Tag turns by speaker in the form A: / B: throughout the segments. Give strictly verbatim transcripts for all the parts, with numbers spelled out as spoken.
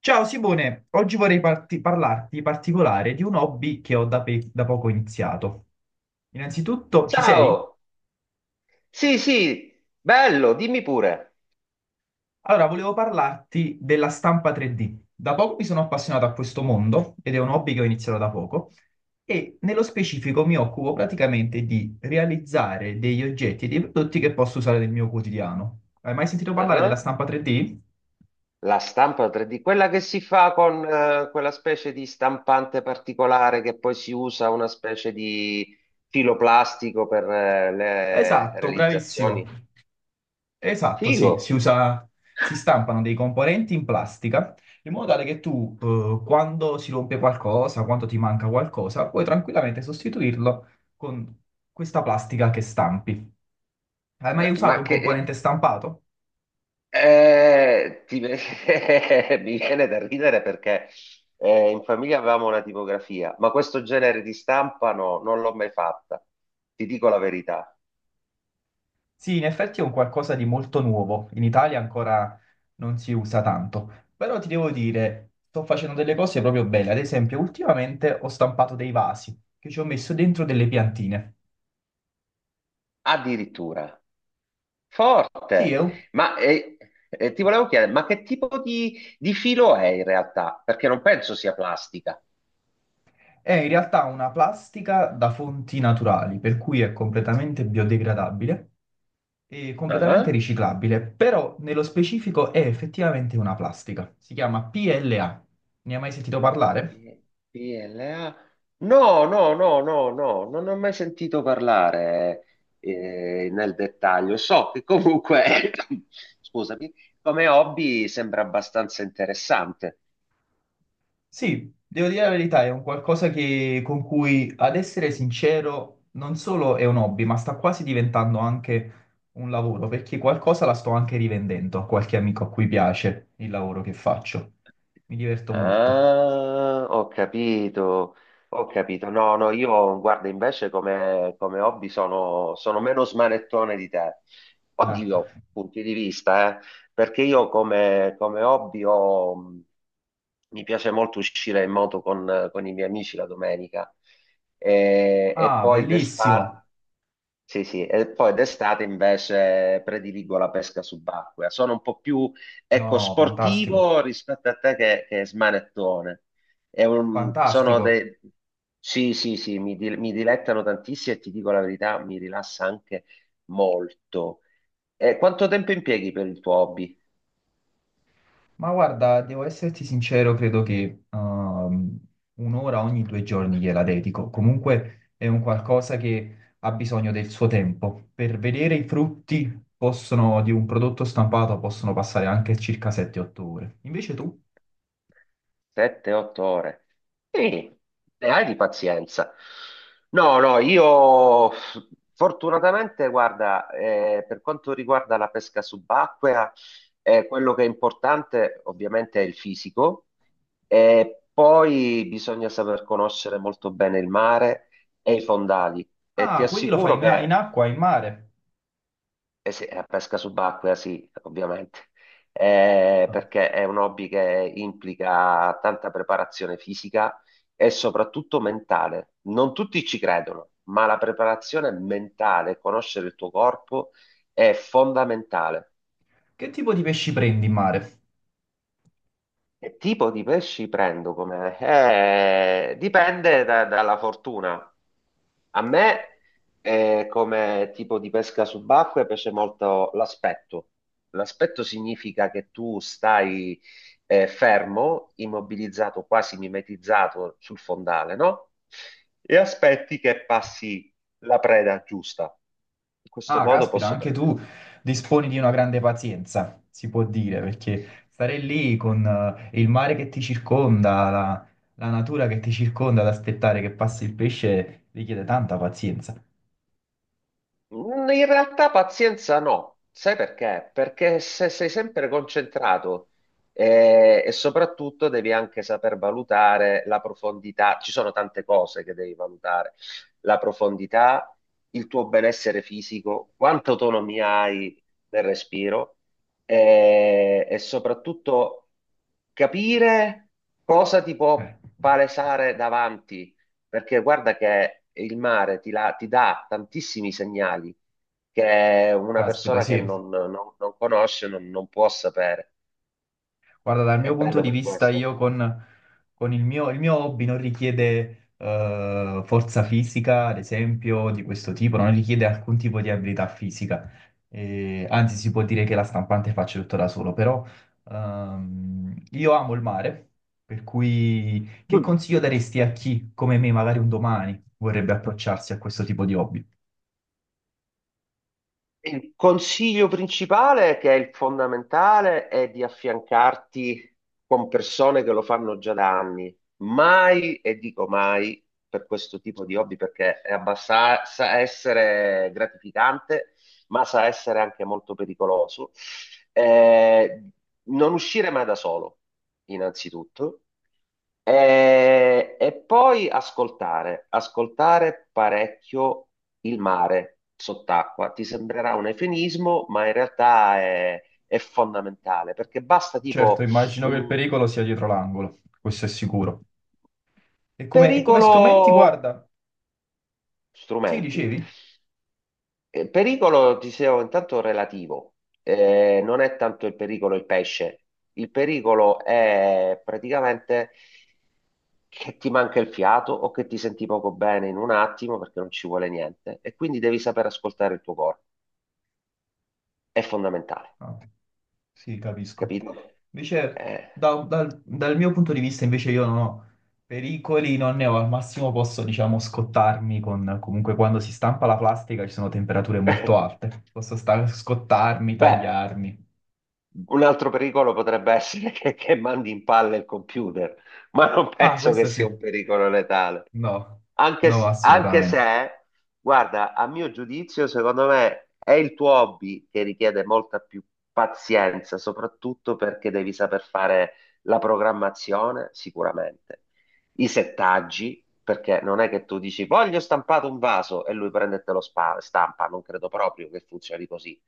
A: Ciao Simone, oggi vorrei parti- parlarti in particolare di un hobby che ho da, pe- da poco iniziato. Innanzitutto, ci sei?
B: Ciao! Sì, sì, bello, dimmi pure.
A: Allora, volevo parlarti della stampa tre D. Da poco mi sono appassionato a questo mondo ed è un hobby che ho iniziato da poco e nello specifico mi occupo praticamente di realizzare degli oggetti e dei prodotti che posso usare nel mio quotidiano. Hai mai sentito parlare della
B: Ah,
A: stampa tre D?
B: la stampa tre D, quella che si fa con eh, quella specie di stampante particolare che poi si usa una specie di filo plastico per eh, le
A: Esatto, bravissimo.
B: realizzazioni.
A: Esatto,
B: Figo!
A: sì, si usa, si stampano dei componenti in plastica in modo tale che tu, eh, quando si rompe qualcosa, quando ti manca qualcosa, puoi tranquillamente sostituirlo con questa plastica che stampi. Hai mai
B: Eh,
A: usato
B: ma
A: un componente
B: che...
A: stampato?
B: eh, ti- Mi viene da ridere perché eh, in famiglia avevamo una tipografia, ma questo genere di stampa no, non l'ho mai fatta, ti dico la verità.
A: Sì, in effetti è un qualcosa di molto nuovo. In Italia ancora non si usa tanto, però ti devo dire, sto facendo delle cose proprio belle. Ad esempio, ultimamente ho stampato dei vasi che ci ho messo dentro delle piantine.
B: Addirittura.
A: Sì, è
B: Forte,
A: un.
B: ma eh, eh, ti volevo chiedere, ma che tipo di, di filo è in realtà? Perché non penso sia plastica.
A: È in realtà una plastica da fonti naturali, per cui è completamente biodegradabile e completamente
B: Ah,
A: riciclabile, però nello specifico è effettivamente una plastica. Si chiama P L A. Ne hai mai sentito parlare?
B: I- P L A? No, no, no, no, no, non ne ho mai sentito parlare eh, nel dettaglio. So che comunque, scusami, come hobby sembra abbastanza interessante.
A: Sì, devo dire la verità, è un qualcosa che, con cui, ad essere sincero, non solo è un hobby, ma sta quasi diventando anche un lavoro, perché qualcosa la sto anche rivendendo a qualche amico a cui piace il lavoro che faccio. Mi diverto molto.
B: Ah, ho capito, ho capito. No, no, io guarda, invece come, come hobby sono, sono meno smanettone di te.
A: Ah.
B: Oddio, punti di vista, eh, perché io come, come hobby ho, mi piace molto uscire in moto con, con i miei amici la domenica e, e
A: Ah,
B: poi d'estate.
A: bellissimo.
B: Sì, sì, e poi d'estate invece prediligo la pesca subacquea. Sono un po' più, ecco,
A: No, fantastico,
B: sportivo rispetto a te che, che smanettone. È un- sono
A: fantastico.
B: dei... Sì, sì, sì, mi, di- mi dilettano tantissimo e ti dico la verità, mi rilassa anche molto. E quanto tempo impieghi per il tuo hobby?
A: Ma guarda, devo esserti sincero, credo che ehm, un'ora ogni due giorni gliela dedico. Comunque è un qualcosa che ha bisogno del suo tempo. Per vedere i frutti possono, di un prodotto stampato possono passare anche circa sette otto ore. Invece tu?
B: sette otto ore. Sì, ne hai di pazienza. No, no, io fortunatamente, guarda, eh, per quanto riguarda la pesca subacquea, eh, quello che è importante ovviamente è il fisico e poi bisogna saper conoscere molto bene il mare e i fondali. E ti
A: Ah, quindi lo fai
B: assicuro
A: in, in
B: che
A: acqua, in mare.
B: eh sì, la pesca subacquea sì, ovviamente. Eh,
A: Ah.
B: perché è un hobby che implica tanta preparazione fisica e soprattutto mentale. Non tutti ci credono, ma la preparazione mentale, conoscere il tuo corpo è fondamentale.
A: Che tipo di pesci prendi in mare?
B: Che tipo di pesci prendo come? Eh, dipende da- dalla fortuna. A me, eh, come tipo di pesca subacquea, piace molto l'aspetto. L'aspetto significa che tu stai eh, fermo, immobilizzato, quasi mimetizzato sul fondale, no? E aspetti che passi la preda giusta. In questo
A: Ah,
B: modo
A: caspita,
B: posso
A: anche tu
B: prendere.
A: disponi di una grande pazienza, si può dire, perché stare lì con eh, il mare che ti circonda, la, la natura che ti circonda, ad aspettare che passi il pesce richiede tanta pazienza.
B: Mm, in realtà pazienza no, sai perché? Perché se sei sempre concentrato eh, e soprattutto devi anche saper valutare la profondità, ci sono tante cose che devi valutare, la profondità, il tuo benessere fisico, quanta autonomia hai nel respiro, eh, e soprattutto capire cosa ti
A: Eh,
B: può palesare davanti, perché guarda che il mare ti, la- ti dà tantissimi segnali che una
A: Caspita,
B: persona che
A: sì.
B: non, non- non conosce non, non può sapere.
A: Guarda, dal
B: È
A: mio punto
B: bello
A: di
B: per
A: vista,
B: questo.
A: io con, con il mio, il mio hobby non richiede eh, forza fisica, ad esempio, di questo tipo, non richiede alcun tipo di abilità fisica. Eh, anzi, si può dire che la stampante faccio tutto da solo, però ehm, io amo il mare, per cui che consiglio daresti a chi, come me, magari un domani vorrebbe approcciarsi a questo tipo di hobby?
B: Il consiglio principale, che è il fondamentale, è di affiancarti con persone che lo fanno già da anni. Mai, e dico mai, per questo tipo di hobby, perché è abbassa- sa essere gratificante, ma sa essere anche molto pericoloso. Eh, non uscire mai da solo, innanzitutto. E, e poi ascoltare, ascoltare parecchio il mare sott'acqua. Ti sembrerà un eufemismo, ma in realtà è, è fondamentale perché basta
A: Certo,
B: tipo
A: immagino che il
B: un
A: pericolo sia dietro l'angolo, questo è sicuro. E come, e come
B: pericolo,
A: strumenti, guarda. Sì,
B: strumenti.
A: dicevi?
B: Eh, Pericolo, dicevo, intanto relativo. Eh, non è tanto il pericolo il pesce, il pericolo è praticamente che ti manca il fiato o che ti senti poco bene in un attimo perché non ci vuole niente e quindi devi saper ascoltare il tuo corpo. È fondamentale,
A: Ah, sì, capisco.
B: capito?
A: Invece,
B: Eh.
A: da- dal, dal mio punto di vista, invece io non ho pericoli, non ne ho. Al massimo posso, diciamo, scottarmi con... Comunque, quando si stampa la plastica ci sono temperature molto alte. Posso sta- scottarmi,
B: Beh,
A: tagliarmi.
B: un altro pericolo potrebbe essere che, che mandi in palle il computer, ma non
A: Ah,
B: penso che
A: questo sì.
B: sia un pericolo letale.
A: No,
B: Anche,
A: no,
B: s- anche
A: assolutamente.
B: se, guarda, a mio giudizio, secondo me è il tuo hobby che richiede molta più pazienza, soprattutto perché devi saper fare la programmazione, sicuramente, i settaggi, perché non è che tu dici voglio stampato un vaso e lui prende e te lo spa- stampa, non credo proprio che funzioni così.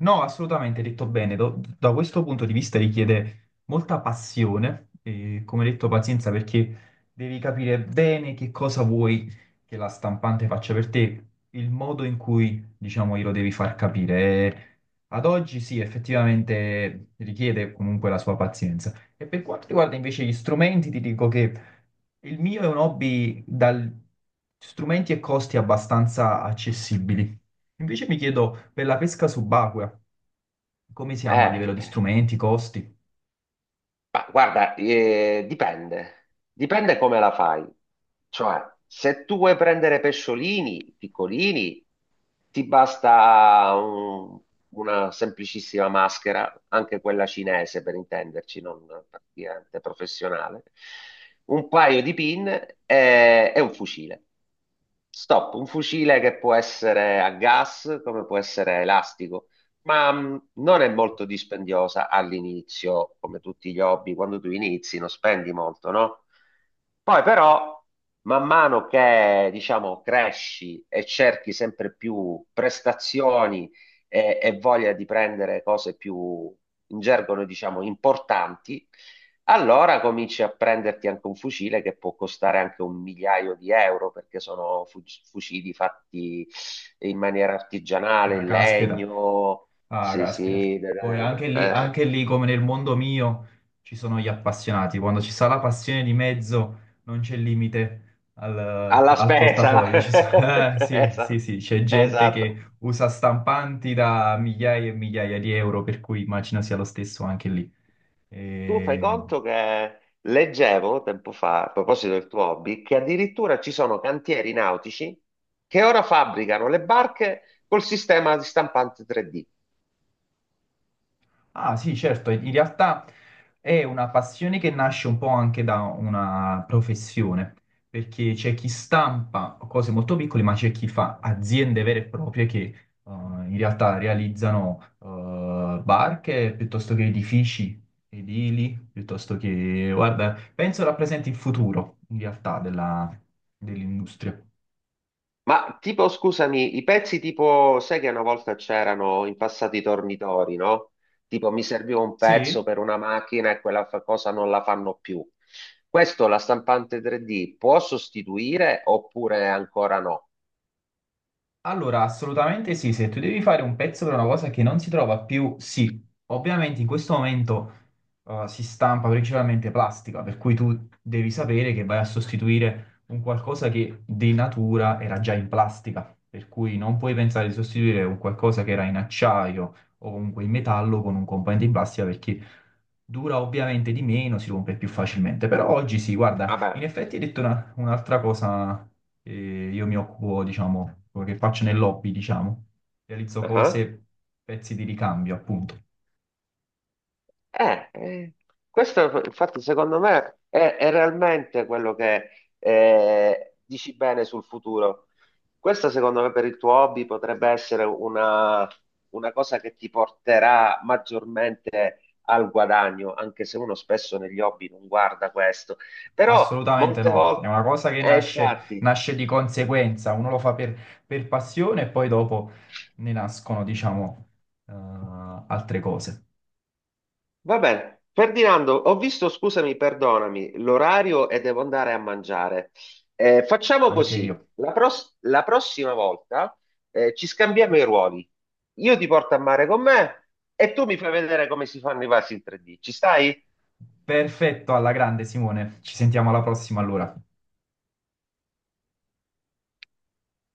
A: No, assolutamente, hai detto bene. Do- da questo punto di vista richiede molta passione e, come detto, pazienza perché devi capire bene che cosa vuoi che la stampante faccia per te, il modo in cui, diciamo, glielo devi far capire. E ad oggi sì, effettivamente richiede comunque la sua pazienza. E per quanto riguarda invece gli strumenti, ti dico che il mio è un hobby dal strumenti e costi abbastanza accessibili. Invece mi chiedo per la pesca subacquea. Come siamo a
B: Eh.
A: livello di
B: Eh.
A: strumenti, costi?
B: Ma guarda, eh, dipende, dipende come la fai. Cioè, se tu vuoi prendere pesciolini piccolini, ti basta un- una semplicissima maschera, anche quella cinese per intenderci, non praticamente professionale, un paio di pin e, e un fucile. Stop, un fucile che può essere a gas, come può essere elastico. Ma mh, non è molto dispendiosa all'inizio, come tutti gli hobby, quando tu inizi non spendi molto, no? Poi però, man mano che, diciamo, cresci e cerchi sempre più prestazioni e, e voglia di prendere cose più, in gergo noi diciamo, importanti, allora cominci a prenderti anche un fucile che può costare anche un migliaio di euro, perché sono fu- fucili fatti in maniera artigianale,
A: Ah,
B: in
A: caspita,
B: legno.
A: ah,
B: Sì,
A: caspita.
B: sì,
A: Poi anche lì,
B: eh,
A: anche lì, come nel mondo mio, ci sono gli appassionati. Quando ci sta la passione di mezzo, non c'è limite al,
B: alla
A: al
B: spesa.
A: portafoglio. Ci so- eh, sì, sì,
B: Esatto,
A: sì, c'è gente
B: esatto.
A: che usa stampanti da migliaia e migliaia di euro, per cui immagino sia lo stesso anche lì.
B: Tu fai
A: E...
B: conto che leggevo tempo fa, a proposito del tuo hobby, che addirittura ci sono cantieri nautici che ora fabbricano le barche col sistema di stampante tre D.
A: Ah sì, certo, in realtà è una passione che nasce un po' anche da una professione, perché c'è chi stampa cose molto piccole, ma c'è chi fa aziende vere e proprie che eh, in realtà realizzano eh, barche piuttosto che edifici edili, piuttosto che, guarda, penso rappresenti il futuro in realtà della- dell'industria.
B: Ma tipo, scusami, i pezzi tipo, sai che una volta c'erano in passato i tornitori, no? Tipo, mi serviva un pezzo
A: Sì?
B: per una macchina e quella fa- cosa non la fanno più. Questo la stampante tre D può sostituire oppure ancora no?
A: Allora, assolutamente sì, se tu devi fare un pezzo per una cosa che non si trova più, sì, ovviamente in questo momento eh, si stampa principalmente plastica, per cui tu devi sapere che vai a sostituire un qualcosa che di natura era già in plastica, per cui non puoi pensare di sostituire un qualcosa che era in acciaio o comunque in metallo con un componente in plastica perché dura ovviamente di meno, si rompe più facilmente. Però oggi sì, guarda, in
B: Vabbè,
A: effetti hai detto una- un'altra cosa che io mi occupo, diciamo, che faccio nel lobby, diciamo, realizzo
B: ah.
A: cose, pezzi di ricambio, appunto.
B: Eh, eh, questo infatti secondo me è, è realmente quello che eh, dici bene sul futuro. Questa secondo me per il tuo hobby potrebbe essere una, una cosa che ti porterà maggiormente al guadagno, anche se uno spesso negli hobby non guarda questo. Però
A: Assolutamente
B: molte
A: no, è
B: volte,
A: una cosa che
B: eh,
A: nasce,
B: infatti.
A: nasce di conseguenza, uno lo fa per, per passione e poi dopo ne nascono, diciamo, eh, altre cose,
B: Va bene. Ferdinando, ho visto, scusami, perdonami, l'orario e devo andare a mangiare. Eh, facciamo
A: anche
B: così,
A: io.
B: la, pros- la prossima volta eh, ci scambiamo i ruoli. Io ti porto a mare con me e tu mi fai vedere come si fanno i vasi in tre D. Ci stai?
A: Perfetto, alla grande Simone, ci sentiamo alla prossima allora.